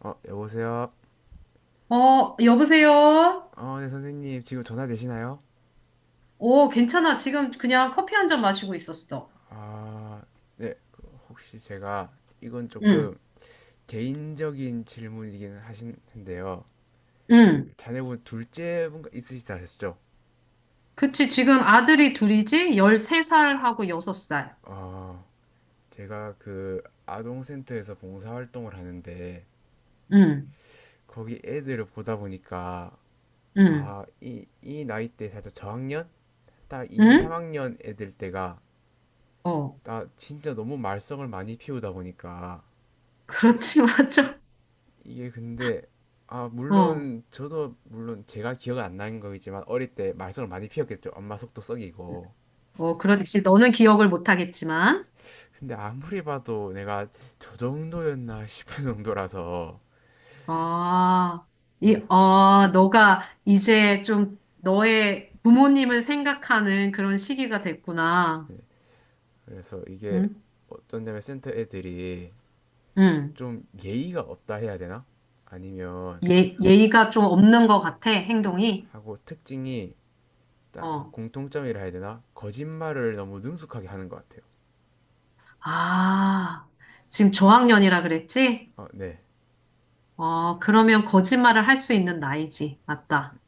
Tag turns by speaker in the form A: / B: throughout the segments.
A: 어, 여보세요?
B: 어, 여보세요?
A: 어, 네, 선생님. 지금 전화 되시나요?
B: 오, 괜찮아. 지금 그냥 커피 한잔 마시고 있었어.
A: 아, 네. 그 혹시 제가 이건
B: 응,
A: 조금 개인적인 질문이긴 하신데요.
B: 응.
A: 자녀분 둘째 분 있으시다 하셨죠?
B: 그치. 지금 아들이 둘이지? 13살하고 6살.
A: 어, 제가 그 아동센터에서 봉사활동을 하는데
B: 응,
A: 거기 애들을 보다 보니까
B: 응,
A: 아, 이 나이 때 살짝 저학년? 딱 2,
B: 응?
A: 3학년 애들 때가
B: 어,
A: 나 진짜 너무 말썽을 많이 피우다 보니까
B: 그렇지, 맞아.
A: 이게 근데, 아,
B: 어,
A: 물론 저도 물론 제가 기억 안 나는 거겠지만 어릴 때 말썽을 많이 피웠겠죠. 엄마 속도 썩이고.
B: 어, 그렇지. 너는 기억을 못 하겠지만.
A: 근데 아무리 봐도 내가 저 정도였나 싶은 정도라서,
B: 아,
A: 이게,
B: 너가 이제 좀 너의 부모님을 생각하는 그런 시기가 됐구나.
A: 그래서 이게
B: 응?
A: 어떤 점에 센터 애들이
B: 응.
A: 좀 예의가 없다 해야 되나? 아니면
B: 예, 예의가 좀 없는 것 같아, 행동이.
A: 하고 특징이, 딱
B: 어,
A: 공통점이라 해야 되나? 거짓말을 너무 능숙하게 하는 것 같아요.
B: 아, 지금 저학년이라 그랬지?
A: 어, 네.
B: 어, 그러면 거짓말을 할 수 있는 나이지. 맞다.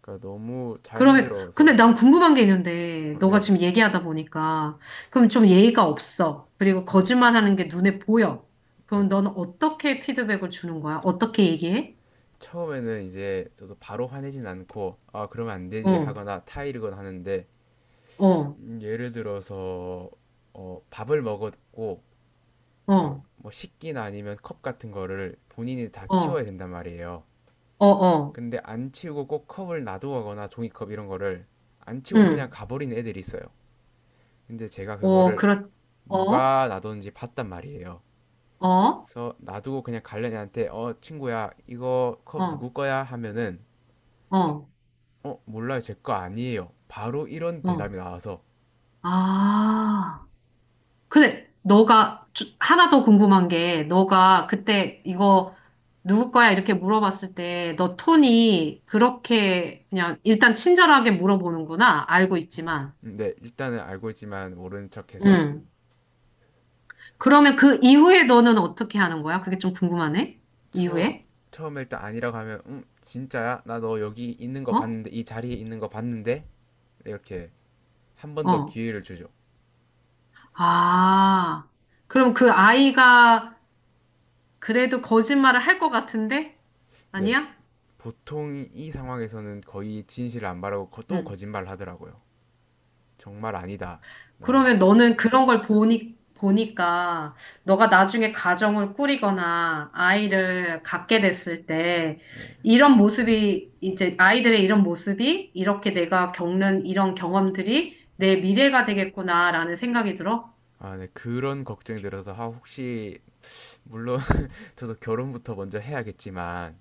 A: 그러니까 너무
B: 그러면, 근데
A: 자연스러워서.
B: 난 궁금한 게 있는데,
A: 어,
B: 너가
A: 네.
B: 지금 얘기하다 보니까, 그럼 좀 예의가 없어. 그리고
A: 네.
B: 거짓말하는 게 눈에 보여.
A: 네.
B: 그럼 너는 어떻게 피드백을 주는 거야? 어떻게 얘기해?
A: 처음에는 이제 저도 바로 화내진 않고 아 그러면 안 되지
B: 어,
A: 하거나 타이르거나 하는데,
B: 어,
A: 예를 들어서, 어, 밥을 먹었고
B: 어,
A: 뭐 식기나 아니면 컵 같은 거를 본인이 다
B: 어,
A: 치워야 된단 말이에요.
B: 어, 어,
A: 근데 안 치우고 꼭 컵을 놔두거나 종이컵 이런 거를 안 치우고 그냥
B: 응,
A: 가버리는 애들이 있어요. 근데 제가
B: 어,
A: 그거를
B: 어,
A: 누가 놔뒀는지 봤단 말이에요.
B: 어,
A: 그래서 놔두고 그냥 갈려니한테 어 친구야 이거 컵
B: 어,
A: 누구 거야 하면은,
B: 어,
A: 어, 몰라요. 제 거 아니에요. 바로 이런
B: 어,
A: 대답이 나와서.
B: 아. 근데 너가 하나 더 궁금한 게 너가 그때 이거 누구 거야? 이렇게 물어봤을 때 너 톤이 그렇게 그냥 일단 친절하게 물어보는구나. 알고 있지만.
A: 네, 일단은 알고 있지만 모르는 척해서.
B: 응. 그러면 그 이후에 너는 어떻게 하는 거야? 그게 좀 궁금하네.
A: 처음
B: 이후에?
A: 처음에 일단 아니라고 하면 진짜야? 나 너 여기 있는 거
B: 어?
A: 봤는데 이 자리에 있는 거 봤는데 이렇게 한 번 더
B: 어.
A: 기회를 주죠.
B: 아. 그럼 그 아이가 그래도 거짓말을 할 것 같은데?
A: 네,
B: 아니야?
A: 보통 이 상황에서는 거의 진실을 안 말하고 또
B: 응.
A: 거짓말을 하더라고요. 정말 아니다. 나는.
B: 그러면 너는 그런 걸 보니까 너가 나중에 가정을 꾸리거나 아이를 갖게 됐을 때 이런 모습이 이제 아이들의 이런 모습이 이렇게 내가 겪는 이런 경험들이 내 미래가 되겠구나라는 생각이 들어.
A: 아, 네, 그런 걱정이 들어서, 아, 혹시 물론 저도 결혼부터 먼저 해야겠지만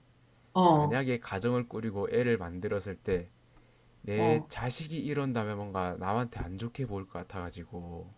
B: 어,
A: 만약에 가정을 꾸리고 애를 만들었을 때 내
B: 어.
A: 자식이 이런다면 뭔가 남한테 안 좋게 보일 것 같아가지고.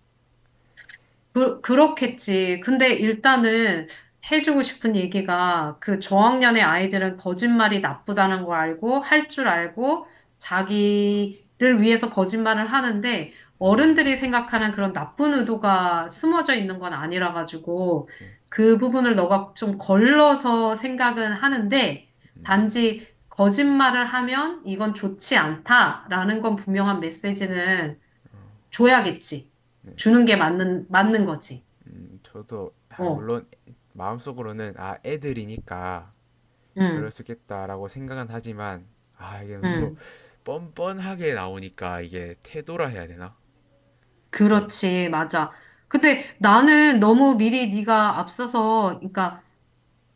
B: 그렇겠지. 근데 일단은 해주고 싶은 얘기가 그 저학년의 아이들은 거짓말이 나쁘다는 걸 알고 할 줄 알고 자기를 위해서 거짓말을 하는데 어른들이 생각하는 그런 나쁜 의도가 숨어져 있는 건 아니라 가지고 그 부분을 너가 좀 걸러서 생각은 하는데 단지 거짓말을 하면 이건 좋지 않다라는 건 분명한 메시지는 줘야겠지. 주는 게 맞는 거지.
A: 저도, 아,
B: 어,
A: 물론 마음속으로는, 아, 애들이니까 그럴
B: 응,
A: 수 있겠다라고 생각은 하지만, 아, 이게 너무
B: 응.
A: 뻔뻔하게 나오니까 이게 태도라 해야 되나? 그래서.
B: 그렇지, 맞아. 근데 나는 너무 미리 네가 앞서서, 그러니까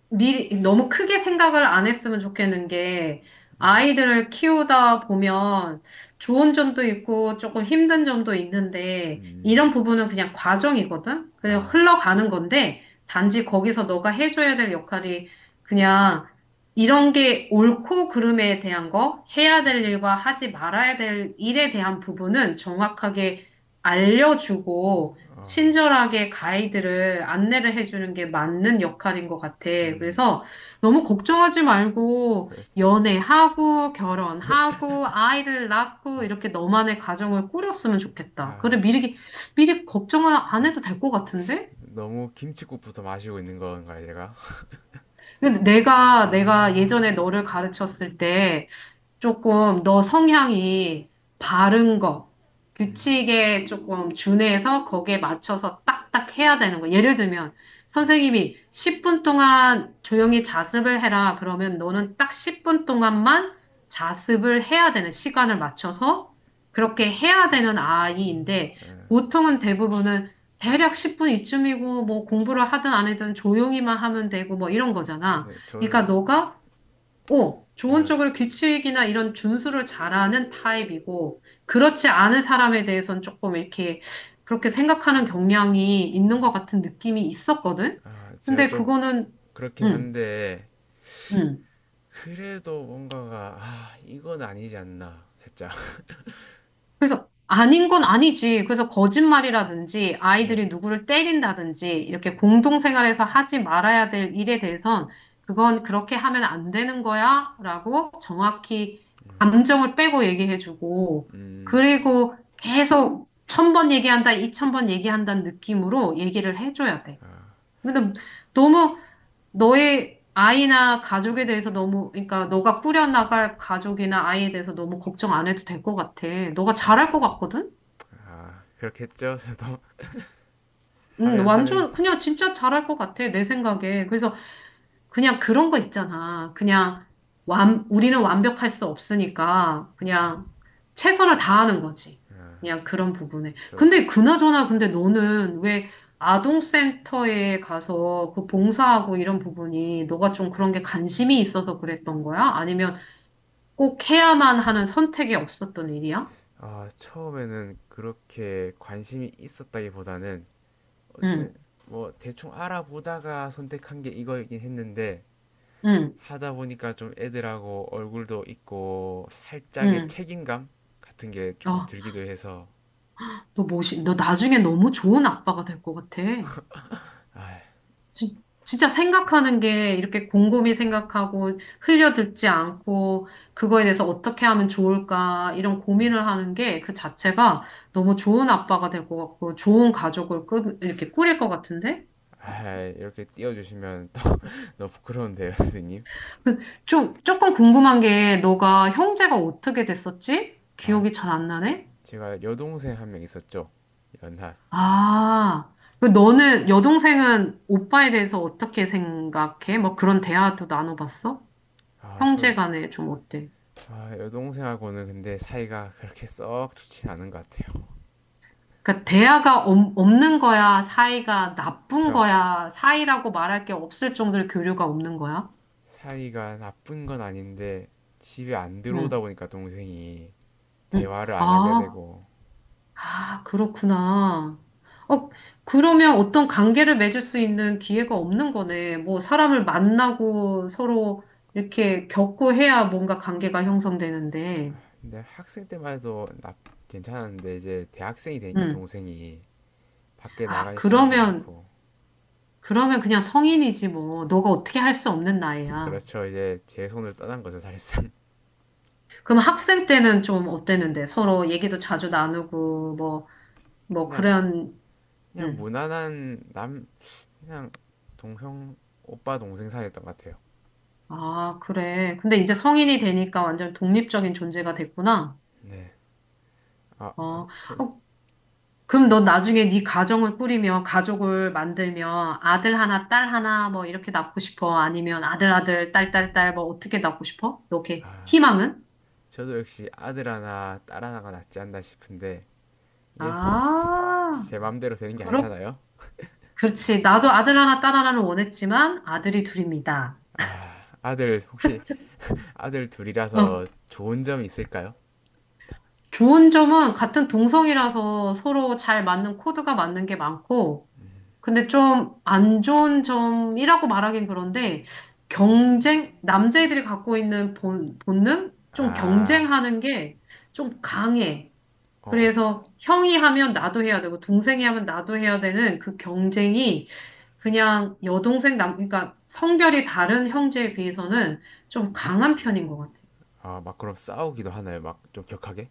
B: 미리 너무 크게 생각을 안 했으면 좋겠는 게 아이들을 키우다 보면 좋은 점도 있고 조금 힘든 점도 있는데 이런 부분은 그냥 과정이거든? 그냥 흘러가는 건데 단지 거기서 너가 해줘야 될 역할이 그냥 이런 게 옳고 그름에 대한 거, 해야 될 일과 하지 말아야 될 일에 대한 부분은 정확하게 알려주고 친절하게 가이드를 안내를 해주는 게 맞는 역할인 것 같아. 그래서 너무 걱정하지 말고
A: 그래서-
B: 연애하고 결혼하고 아이를 낳고 이렇게 너만의 가정을 꾸렸으면 좋겠다.
A: 아,
B: 그래 미리 걱정을 안
A: 진짜
B: 해도 될 것 같은데?
A: 너무 김칫국부터 마시고 있는 건가요 제가?
B: 근데 내가 예전에 너를 가르쳤을 때 조금 너 성향이 바른 거, 규칙에 조금 준해서 거기에 맞춰서 딱딱 해야 되는 거. 예를 들면, 선생님이 10분 동안 조용히 자습을 해라. 그러면 너는 딱 10분 동안만 자습을 해야 되는 시간을 맞춰서 그렇게 해야 되는 아이인데, 보통은 대부분은 대략 10분 이쯤이고, 뭐 공부를 하든 안 하든 조용히만 하면 되고, 뭐 이런 거잖아.
A: 네,
B: 그러니까
A: 저는.
B: 너가 어, 좋은
A: 예,
B: 쪽으로 규칙이나 이런 준수를 잘하는 타입이고, 그렇지 않은 사람에 대해서는 조금 이렇게 그렇게 생각하는 경향이 있는 것 같은 느낌이 있었거든?
A: 아, 제가
B: 근데
A: 좀
B: 그거는,
A: 그렇긴
B: 응,
A: 한데,
B: 응.
A: 그래도 뭔가가, 아, 이건 아니지 않나 살짝.
B: 아닌 건 아니지. 그래서 거짓말이라든지
A: 네,
B: 아이들이 누구를 때린다든지 이렇게 공동생활에서 하지 말아야 될 일에 대해선 그건 그렇게 하면 안 되는 거야 라고 정확히 감정을 빼고 얘기해주고
A: 음
B: 그리고 계속 1000번 얘기한다, 2000번 얘기한다는 느낌으로 얘기를 해줘야 돼. 근데 너무 너의 아이나 가족에 대해서 너무, 그러니까 너가 꾸려나갈 가족이나 아이에 대해서 너무 걱정 안 해도 될 것 같아. 너가 잘할 것 같거든?
A: 아, 그렇겠죠. 저도. 하면 하는.
B: 완전 그냥 진짜 잘할 것 같아, 내 생각에. 그래서 그냥 그런 거 있잖아. 그냥 우리는 완벽할 수 없으니까 그냥 최선을 다하는 거지. 그냥 그런 부분에.
A: 저,
B: 근데 그나저나 근데 너는 왜 아동센터에 가서 그 봉사하고 이런 부분이 너가 좀 그런 게 관심이 있어서 그랬던 거야? 아니면 꼭 해야만 하는 선택이 없었던 일이야?
A: 아, 처음에는 그렇게 관심이 있었다기보다는,
B: 응,
A: 어쨌든 뭐 대충 알아보다가 선택한 게 이거이긴 했는데,
B: 응,
A: 하다 보니까 좀 애들하고 얼굴도 있고 살짝의
B: 응.
A: 책임감 같은 게 조금
B: 아,
A: 들기도 해서.
B: 너 나중에 너무 좋은 아빠가 될 것 같아.
A: 아,
B: 진짜 생각하는 게 이렇게 곰곰이 생각하고 흘려듣지 않고 그거에 대해서 어떻게 하면 좋을까 이런 고민을 하는 게 그 자체가 너무 좋은 아빠가 될 것 같고 좋은 가족을 이렇게 꾸릴 것 같은데?
A: 아, 이렇게 띄워주시면 또 너무 부끄러운데요, 선생님.
B: 그 조금 궁금한 게 너가 형제가 어떻게 됐었지?
A: 아,
B: 기억이 잘 안 나네?
A: 제가 여동생 한 명 있었죠. 연하.
B: 아, 그 너는 여동생은 오빠에 대해서 어떻게 생각해? 뭐 그런 대화도 나눠봤어?
A: 아,
B: 형제
A: 전.
B: 간에 좀 어때?
A: 아, 여동생하고는 근데 사이가 그렇게 썩 좋진 않은 것 같아요.
B: 그러니까 대화가 없는 거야? 사이가 나쁜
A: 그러니까
B: 거야? 사이라고 말할 게 없을 정도로 교류가 없는 거야?
A: 사이가 나쁜 건 아닌데 집에 안
B: 응,
A: 들어오다 보니까 동생이
B: 응.
A: 대화를 안 하게
B: 아,
A: 되고.
B: 아, 그렇구나. 어, 그러면 어떤 관계를 맺을 수 있는 기회가 없는 거네. 뭐 사람을 만나고 서로 이렇게 겪고 해야 뭔가 관계가 형성되는데.
A: 근데 학생 때만 해도 나 괜찮았는데 이제 대학생이 되니까
B: 응.
A: 동생이 밖에
B: 아,
A: 나갈 시간도 많고.
B: 그러면 그냥 성인이지 뭐. 너가 어떻게 할 수 없는 나이야.
A: 그렇죠. 이제 제 손을 떠난 거죠 사실상.
B: 그럼 학생 때는 좀 어땠는데? 서로 얘기도 자주 나누고, 뭐, 뭐,
A: 그냥
B: 그런,
A: 그냥
B: 응.
A: 무난한 남, 그냥 동형, 오빠 동생 사이였던 것 같아요.
B: 아, 그래. 근데 이제 성인이 되니까 완전 독립적인 존재가 됐구나.
A: 네. 아,
B: 어, 어, 그럼 너 나중에 네 가정을 꾸리며, 가족을 만들며, 아들 하나, 딸 하나, 뭐, 이렇게 낳고 싶어? 아니면 아들, 아들, 딸, 딸, 딸, 뭐, 어떻게 낳고 싶어? 너 이렇게 희망은?
A: 저도 역시 아들 하나, 딸 하나가 낫지 않나 싶은데, 이게
B: 아,
A: 제 맘대로 되는 게
B: 그렇,
A: 아니잖아요?
B: 그렇지. 나도 아들 하나, 딸 하나는 원했지만, 아들이 둘입니다.
A: 아, 아들, 혹시 아들 둘이라서
B: 어.
A: 좋은 점이 있을까요?
B: 좋은 점은 같은 동성이라서 서로 잘 맞는 코드가 맞는 게 많고, 근데 좀 안 좋은 점이라고 말하긴 그런데, 경쟁, 남자애들이 갖고 있는 본능? 좀
A: 아,
B: 경쟁하는 게 좀 강해.
A: 어, 어,
B: 그래서 형이 하면 나도 해야 되고, 동생이 하면 나도 해야 되는 그 경쟁이 그냥 여동생, 그러니까 성별이 다른 형제에 비해서는 좀 강한 편인 것 같아요.
A: 아, 막 그럼 싸우기도 하나요? 막 좀 격하게?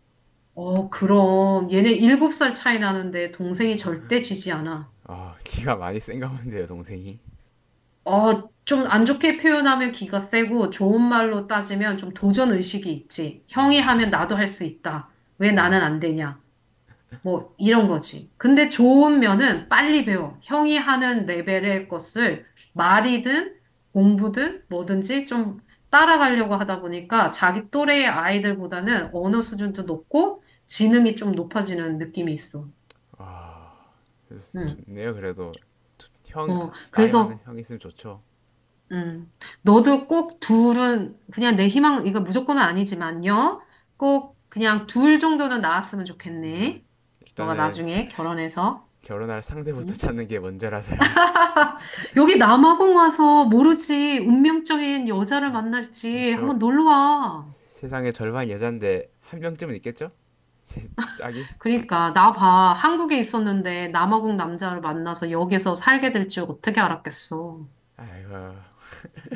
B: 어, 그럼. 얘네 7살 차이 나는데 동생이 절대 지지 않아.
A: 아, 기가 많이 센가 본데요, 동생이.
B: 어, 좀 안 좋게 표현하면 기가 세고 좋은 말로 따지면 좀 도전 의식이 있지. 형이 하면 나도 할 수 있다. 왜 나는
A: 야,
B: 안 되냐. 뭐 이런 거지. 근데 좋은 면은 빨리 배워. 형이 하는 레벨의 것을 말이든 공부든 뭐든지 좀 따라가려고 하다 보니까 자기 또래의 아이들보다는 언어 수준도 높고 지능이 좀 높아지는 느낌이 있어. 응.
A: 좋네요, 그래도. 형,
B: 어,
A: 아, 나이 많은
B: 그래서,
A: 형 있으면 좋죠.
B: 음, 너도 꼭 둘은, 그냥 내 희망, 이거 무조건은 아니지만요. 꼭 그냥 둘 정도는 나왔으면 좋겠네. 너가
A: 일단은.
B: 나중에 결혼해서.
A: 결혼할 상대부터
B: 응?
A: 찾는 게 먼저라서요.
B: 여기 남아공 와서 모르지, 운명적인 여자를 만날지
A: 저,
B: 한번 놀러 와.
A: 세상의 절반 여잔데 한 명쯤은 있겠죠? 제 짝이?
B: 그러니까, 나 봐. 한국에 있었는데 남아공 남자를 만나서 여기서 살게 될 줄 어떻게 알았겠어.
A: 아이고,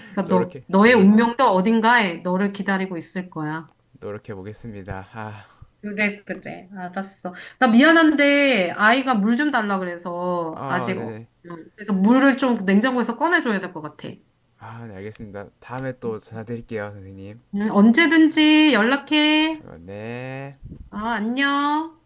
B: 그러니까 너,
A: 노력해
B: 너의
A: 노력
B: 운명도 어딘가에 너를 기다리고 있을 거야.
A: 노력해 보겠습니다. 아,
B: 그래, 그래. 알았어. 나 미안한데, 아이가 물 좀 달라 그래서,
A: 어,
B: 아직,
A: 네네.
B: 그래서 물을 좀 냉장고에서 꺼내줘야 될 것 같아.
A: 아, 네 알겠습니다. 다음에 또 전화 드릴게요, 선생님.
B: 언제든지 연락해.
A: 아이고, 네.
B: 아, 안녕.